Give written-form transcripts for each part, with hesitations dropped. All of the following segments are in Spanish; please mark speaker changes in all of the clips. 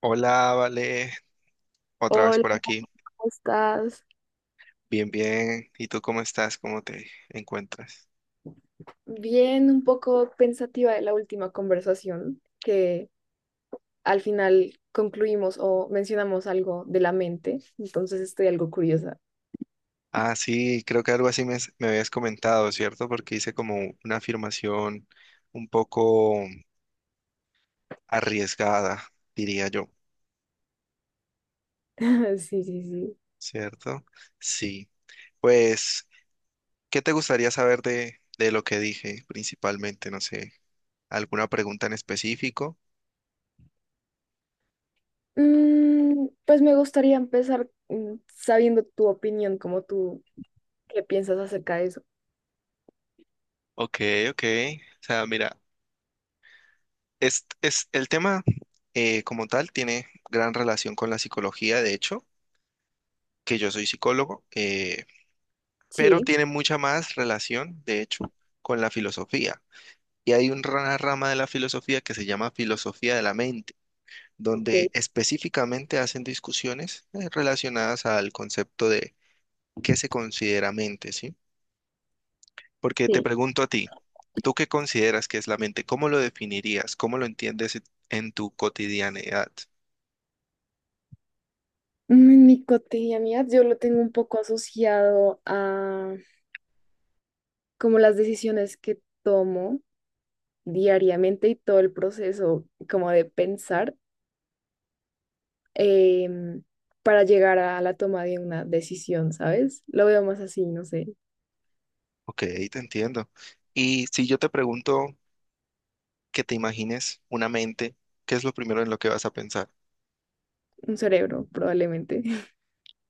Speaker 1: Hola, Vale, otra vez
Speaker 2: Hola,
Speaker 1: por aquí.
Speaker 2: ¿cómo estás?
Speaker 1: Bien, bien. ¿Y tú cómo estás? ¿Cómo te encuentras?
Speaker 2: Bien, un poco pensativa de la última conversación, que al final concluimos o mencionamos algo de la mente, entonces estoy algo curiosa.
Speaker 1: Ah, sí, creo que algo así me habías comentado, ¿cierto? Porque hice como una afirmación un poco arriesgada, diría yo,
Speaker 2: Sí, sí, sí.
Speaker 1: ¿cierto? Sí. Pues, ¿qué te gustaría saber de lo que dije principalmente? No sé, ¿alguna pregunta en específico?
Speaker 2: Pues me gustaría empezar sabiendo tu opinión, como tú, qué piensas acerca de eso.
Speaker 1: Ok, ok. O sea, mira. El tema como tal tiene gran relación con la psicología, de hecho, que yo soy psicólogo, pero
Speaker 2: Sí,
Speaker 1: tiene mucha más relación, de hecho, con la filosofía. Y hay una rama de la filosofía que se llama filosofía de la mente,
Speaker 2: ok,
Speaker 1: donde específicamente hacen discusiones relacionadas al concepto de qué se considera mente, ¿sí? Porque te
Speaker 2: sí.
Speaker 1: pregunto a ti, ¿tú qué consideras que es la mente? ¿Cómo lo definirías? ¿Cómo lo entiendes en tu cotidianidad?
Speaker 2: En mi cotidianidad yo lo tengo un poco asociado a como las decisiones que tomo diariamente y todo el proceso como de pensar em, para llegar a la toma de una decisión, ¿sabes? Lo veo más así, no sé,
Speaker 1: Ok, te entiendo. Y si yo te pregunto que te imagines una mente, ¿qué es lo primero en lo que vas a pensar?
Speaker 2: un cerebro probablemente.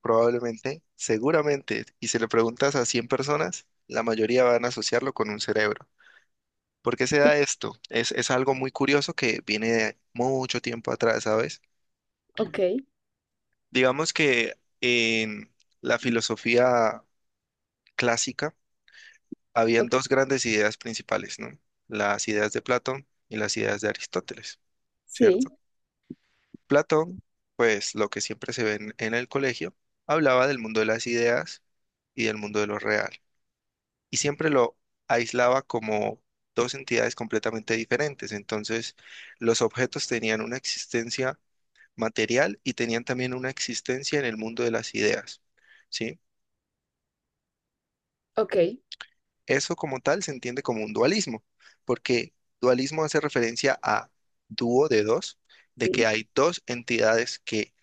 Speaker 1: Probablemente, seguramente, y si le preguntas a 100 personas, la mayoría van a asociarlo con un cerebro. ¿Por qué se da esto? Es algo muy curioso que viene de mucho tiempo atrás, ¿sabes?
Speaker 2: Ok,
Speaker 1: Digamos que en la filosofía clásica habían
Speaker 2: ok,
Speaker 1: dos grandes ideas principales, ¿no? Las ideas de Platón y las ideas de Aristóteles, ¿cierto?
Speaker 2: sí,
Speaker 1: Platón, pues lo que siempre se ve en el colegio, hablaba del mundo de las ideas y del mundo de lo real, y siempre lo aislaba como dos entidades completamente diferentes. Entonces, los objetos tenían una existencia material y tenían también una existencia en el mundo de las ideas, ¿sí?
Speaker 2: ok,
Speaker 1: Eso como tal se entiende como un dualismo, porque dualismo hace referencia a dúo de dos, de que
Speaker 2: sí.
Speaker 1: hay dos entidades que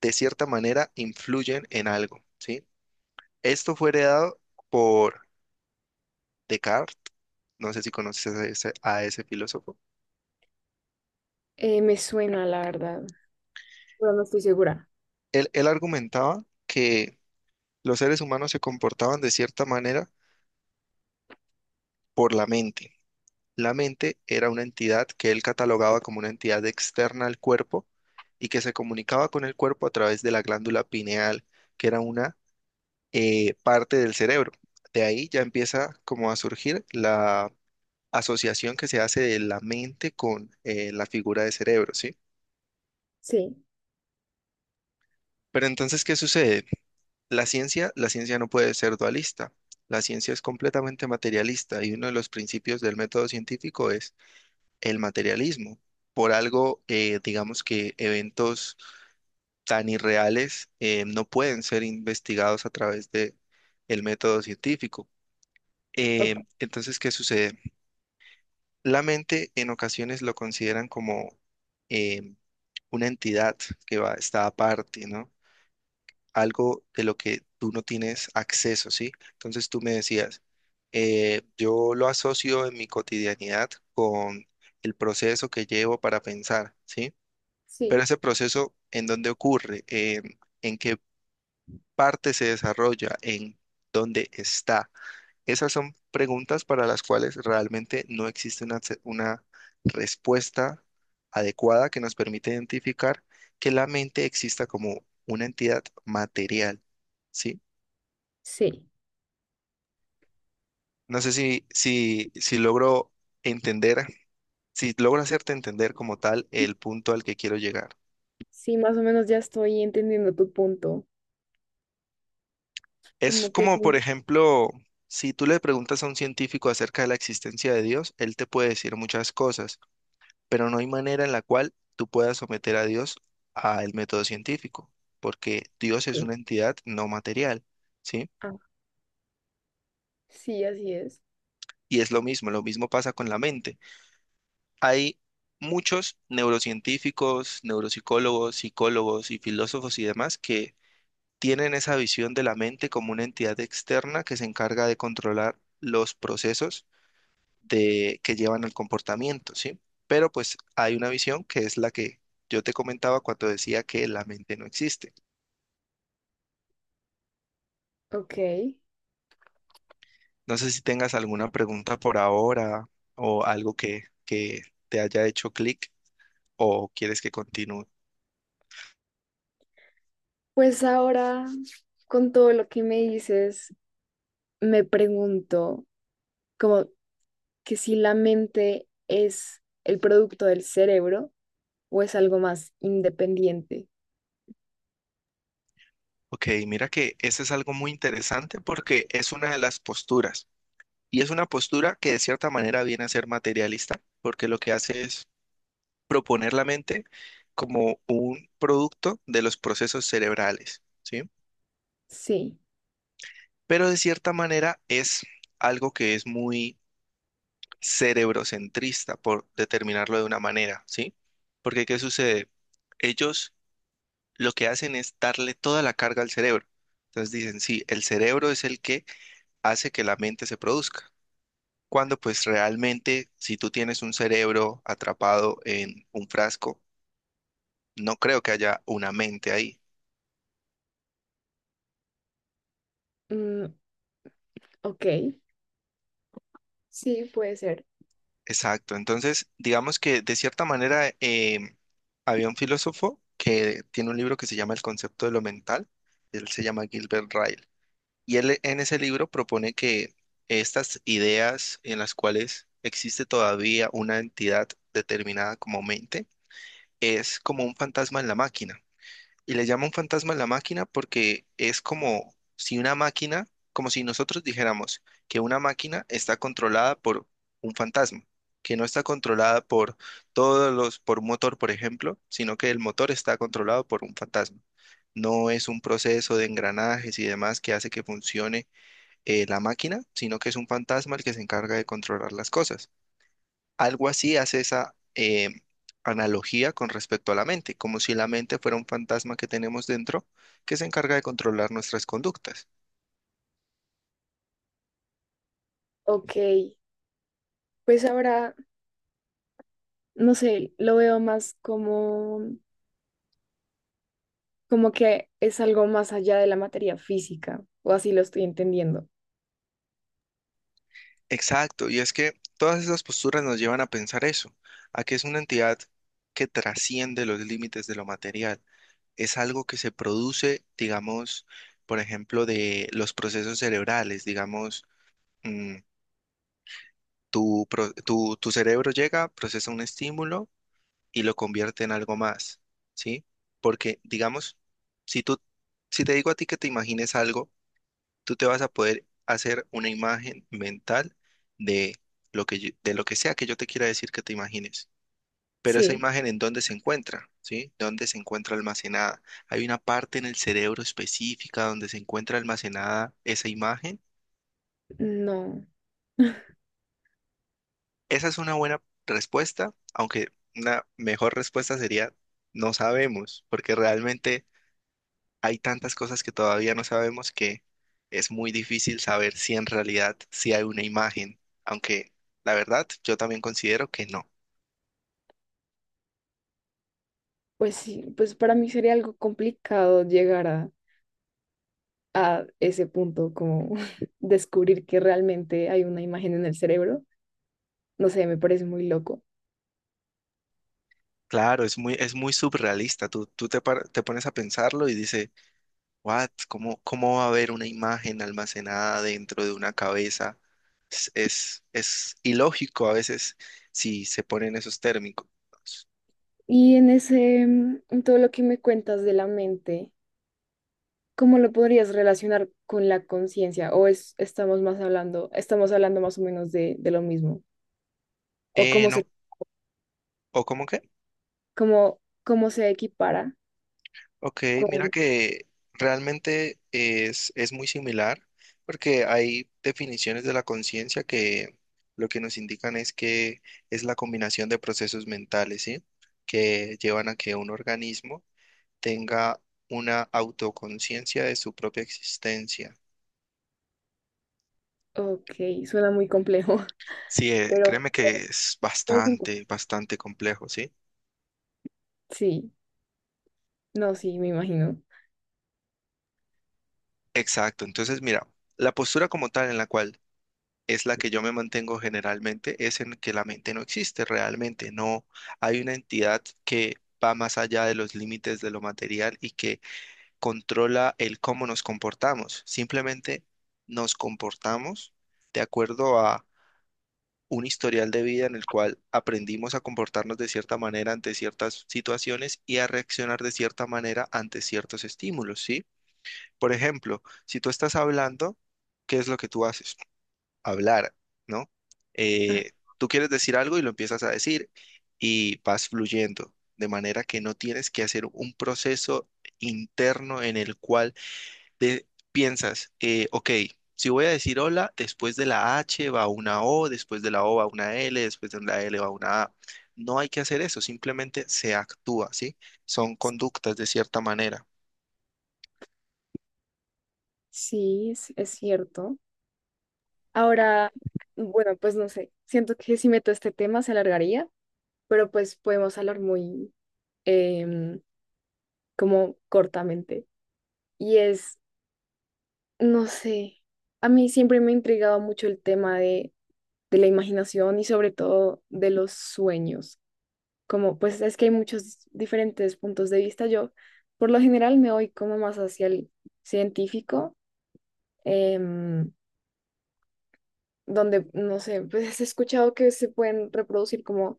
Speaker 1: de cierta manera influyen en algo, ¿sí? Esto fue heredado por Descartes, no sé si conoces a ese filósofo.
Speaker 2: Me suena, la verdad, pero no estoy segura.
Speaker 1: Él argumentaba que los seres humanos se comportaban de cierta manera por la mente. La mente era una entidad que él catalogaba como una entidad externa al cuerpo y que se comunicaba con el cuerpo a través de la glándula pineal, que era una parte del cerebro. De ahí ya empieza como a surgir la asociación que se hace de la mente con la figura de cerebro, ¿sí?
Speaker 2: Sí,
Speaker 1: Pero entonces, ¿qué sucede? La ciencia no puede ser dualista. La ciencia es completamente materialista y uno de los principios del método científico es el materialismo. Por algo, digamos que eventos tan irreales no pueden ser investigados a través de el método científico.
Speaker 2: ok,
Speaker 1: Entonces, ¿qué sucede? La mente en ocasiones lo consideran como eh, una entidad que va, está aparte, ¿no? algo de lo que tú no tienes acceso, ¿sí? Entonces tú me decías, yo lo asocio en mi cotidianidad con el proceso que llevo para pensar, ¿sí? Pero
Speaker 2: sí,
Speaker 1: ese proceso, ¿en dónde ocurre? ¿En qué parte se desarrolla? ¿En dónde está? Esas son preguntas para las cuales realmente no existe una, una respuesta adecuada que nos permite identificar que la mente exista como una entidad material. ¿Sí?
Speaker 2: sí.
Speaker 1: No sé si logro entender, si logro hacerte entender como tal el punto al que quiero llegar.
Speaker 2: Sí, más o menos ya estoy entendiendo tu punto. Como
Speaker 1: Es
Speaker 2: que
Speaker 1: como, por ejemplo, si tú le preguntas a un científico acerca de la existencia de Dios, él te puede decir muchas cosas, pero no hay manera en la cual tú puedas someter a Dios al método científico, porque Dios es
Speaker 2: sí.
Speaker 1: una entidad no material, ¿sí?
Speaker 2: Ah, sí, así es.
Speaker 1: Y es lo mismo pasa con la mente. Hay muchos neurocientíficos, neuropsicólogos, psicólogos y filósofos y demás que tienen esa visión de la mente como una entidad externa que se encarga de controlar los procesos de, que llevan al comportamiento, ¿sí? Pero pues hay una visión que es la que yo te comentaba cuando decía que la mente no existe.
Speaker 2: Ok.
Speaker 1: No sé si tengas alguna pregunta por ahora o algo que te haya hecho clic o quieres que continúe.
Speaker 2: Pues ahora, con todo lo que me dices, me pregunto como que si la mente es el producto del cerebro o es algo más independiente.
Speaker 1: Ok, mira que eso es algo muy interesante porque es una de las posturas y es una postura que de cierta manera viene a ser materialista porque lo que hace es proponer la mente como un producto de los procesos cerebrales, ¿sí?
Speaker 2: Sí.
Speaker 1: Pero de cierta manera es algo que es muy cerebrocentrista, por determinarlo de una manera, ¿sí? Porque ¿qué sucede? Ellos lo que hacen es darle toda la carga al cerebro. Entonces dicen, sí, el cerebro es el que hace que la mente se produzca. Cuando pues realmente, si tú tienes un cerebro atrapado en un frasco, no creo que haya una mente ahí.
Speaker 2: Mm, ok. Sí, puede ser.
Speaker 1: Exacto. Entonces, digamos que de cierta manera había un filósofo que tiene un libro que se llama El concepto de lo mental. Él se llama Gilbert Ryle. Y él en ese libro propone que estas ideas en las cuales existe todavía una entidad determinada como mente es como un fantasma en la máquina. Y le llaman fantasma a la máquina porque es como si una máquina, como si nosotros dijéramos que una máquina está controlada por un fantasma, que no está controlada por todos los, por un motor, por ejemplo, sino que el motor está controlado por un fantasma. No es un proceso de engranajes y demás que hace que funcione la máquina, sino que es un fantasma el que se encarga de controlar las cosas. Algo así hace esa analogía con respecto a la mente, como si la mente fuera un fantasma que tenemos dentro que se encarga de controlar nuestras conductas.
Speaker 2: Ok. Pues ahora, no sé, lo veo más como, como que es algo más allá de la materia física, o así lo estoy entendiendo.
Speaker 1: Exacto, y es que todas esas posturas nos llevan a pensar eso, a que es una entidad que trasciende los límites de lo material. Es algo que se produce, digamos, por ejemplo, de los procesos cerebrales, digamos, mm, tu cerebro llega, procesa un estímulo, y lo convierte en algo más, ¿sí? Porque, digamos, si tú, si te digo a ti que te imagines algo, tú te vas a poder hacer una imagen mental de de lo que sea que yo te quiera decir que te imagines. Pero esa
Speaker 2: Sí.
Speaker 1: imagen en dónde se encuentra, ¿sí? ¿Dónde se encuentra almacenada? Hay una parte en el cerebro específica donde se encuentra almacenada esa imagen.
Speaker 2: No.
Speaker 1: Esa es una buena respuesta, aunque una mejor respuesta sería no sabemos, porque realmente hay tantas cosas que todavía no sabemos que es muy difícil saber si en realidad sí hay una imagen, aunque la verdad yo también considero que no.
Speaker 2: Pues sí, pues para mí sería algo complicado llegar a ese punto, como descubrir que realmente hay una imagen en el cerebro. No sé, me parece muy loco.
Speaker 1: Claro, es muy surrealista. Te pones a pensarlo y dices, ¿what? ¿Cómo, cómo va a haber una imagen almacenada dentro de una cabeza? Es ilógico a veces si se ponen esos términos.
Speaker 2: Y en ese, en todo lo que me cuentas de la mente, ¿cómo lo podrías relacionar con la conciencia? ¿O es, estamos más hablando, estamos hablando más o menos de lo mismo? ¿O cómo
Speaker 1: No.
Speaker 2: se,
Speaker 1: ¿O cómo qué?
Speaker 2: cómo, cómo se equipara
Speaker 1: Ok, mira
Speaker 2: con...
Speaker 1: que realmente es muy similar, porque hay definiciones de la conciencia que lo que nos indican es que es la combinación de procesos mentales, ¿sí? Que llevan a que un organismo tenga una autoconciencia de su propia existencia.
Speaker 2: Ok, suena muy complejo,
Speaker 1: Sí,
Speaker 2: pero...
Speaker 1: créeme que es bastante, bastante complejo, ¿sí?
Speaker 2: Sí, no, sí, me imagino.
Speaker 1: Exacto. Entonces, mira, la postura como tal en la cual es la que yo me mantengo generalmente, es en que la mente no existe realmente, no hay una entidad que va más allá de los límites de lo material y que controla el cómo nos comportamos. Simplemente nos comportamos de acuerdo a un historial de vida en el cual aprendimos a comportarnos de cierta manera ante ciertas situaciones y a reaccionar de cierta manera ante ciertos estímulos, ¿sí? Por ejemplo, si tú estás hablando, ¿qué es lo que tú haces? Hablar, ¿no? Eh, Tú quieres decir algo y lo empiezas a decir y vas fluyendo, de manera que no tienes que hacer un proceso interno en el cual te piensas, ok, si voy a decir hola, después de la H va una O, después de la O va una L, después de la L va una A. No hay que hacer eso, simplemente se actúa, ¿sí? Son conductas de cierta manera.
Speaker 2: Sí, es cierto. Ahora, bueno, pues no sé, siento que si meto este tema se alargaría, pero pues podemos hablar muy em, como cortamente. Y es, no sé, a mí siempre me ha intrigado mucho el tema de la imaginación y sobre todo de los sueños. Como pues es que hay muchos diferentes puntos de vista. Yo por lo general me voy como más hacia el científico. em, Donde, no sé, pues he escuchado que se pueden reproducir como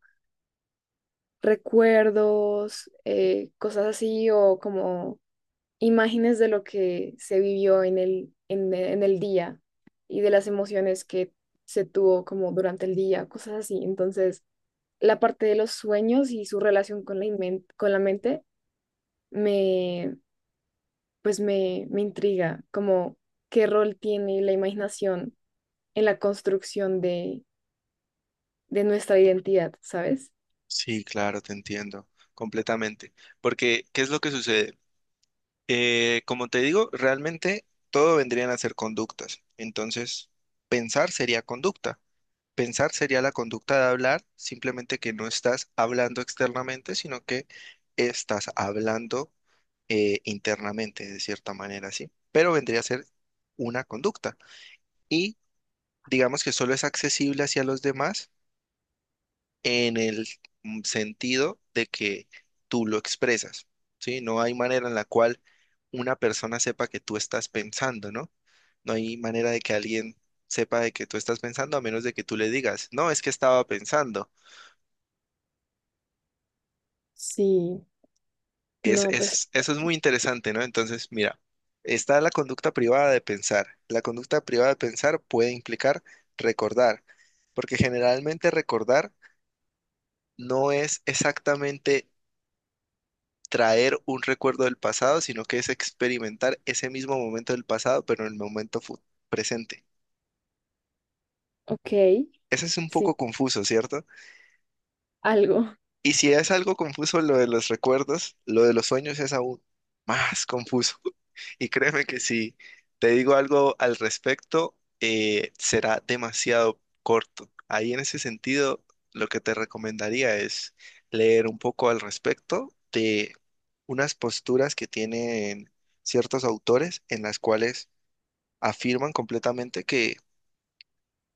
Speaker 2: recuerdos, cosas así, o como imágenes de lo que se vivió en el, en, en el día y de las emociones que se tuvo como durante el día, cosas así. Entonces, la parte de los sueños y su relación con la, con la mente me, pues me intriga, como qué rol tiene la imaginación en la construcción de nuestra identidad, ¿sabes?
Speaker 1: Sí, claro, te entiendo completamente. Porque, ¿qué es lo que sucede? Como te digo, realmente todo vendrían a ser conductas. Entonces, pensar sería conducta. Pensar sería la conducta de hablar, simplemente que no estás hablando externamente, sino que estás hablando internamente, de cierta manera, ¿sí? Pero vendría a ser una conducta. Y digamos que solo es accesible hacia los demás en el sentido de que tú lo expresas, ¿sí? No hay manera en la cual una persona sepa que tú estás pensando, ¿no? No hay manera de que alguien sepa de que tú estás pensando a menos de que tú le digas, no, es que estaba pensando.
Speaker 2: Sí, no, pues,
Speaker 1: Eso es muy interesante, ¿no? Entonces, mira, está la conducta privada de pensar. La conducta privada de pensar puede implicar recordar, porque generalmente recordar no es exactamente traer un recuerdo del pasado, sino que es experimentar ese mismo momento del pasado, pero en el momento presente.
Speaker 2: ok,
Speaker 1: Ese es un
Speaker 2: sí,
Speaker 1: poco confuso, ¿cierto?
Speaker 2: algo,
Speaker 1: Y si es algo confuso lo de los recuerdos, lo de los sueños es aún más confuso. Y créeme que si te digo algo al respecto, será demasiado corto. Ahí en ese sentido, lo que te recomendaría es leer un poco al respecto de unas posturas que tienen ciertos autores en las cuales afirman completamente que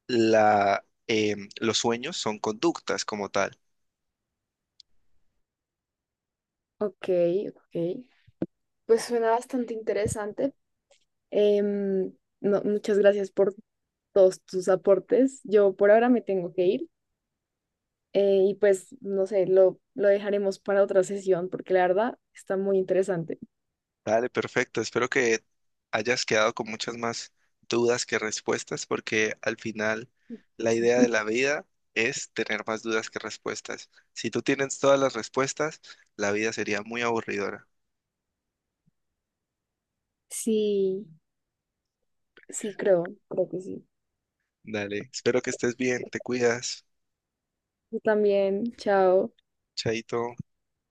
Speaker 1: los sueños son conductas como tal.
Speaker 2: ok, ok. Pues suena bastante interesante. Em, no, muchas gracias por todos tus aportes. Yo por ahora me tengo que ir y pues, no sé, lo dejaremos para otra sesión porque la verdad está muy interesante.
Speaker 1: Dale, perfecto. Espero que hayas quedado con muchas más dudas que respuestas, porque al final la idea de la vida es tener más dudas que respuestas. Si tú tienes todas las respuestas, la vida sería muy aburridora.
Speaker 2: Sí, sí, creo, creo que sí.
Speaker 1: Dale, espero que estés bien, te cuidas,
Speaker 2: Yo también, chao.
Speaker 1: chaito.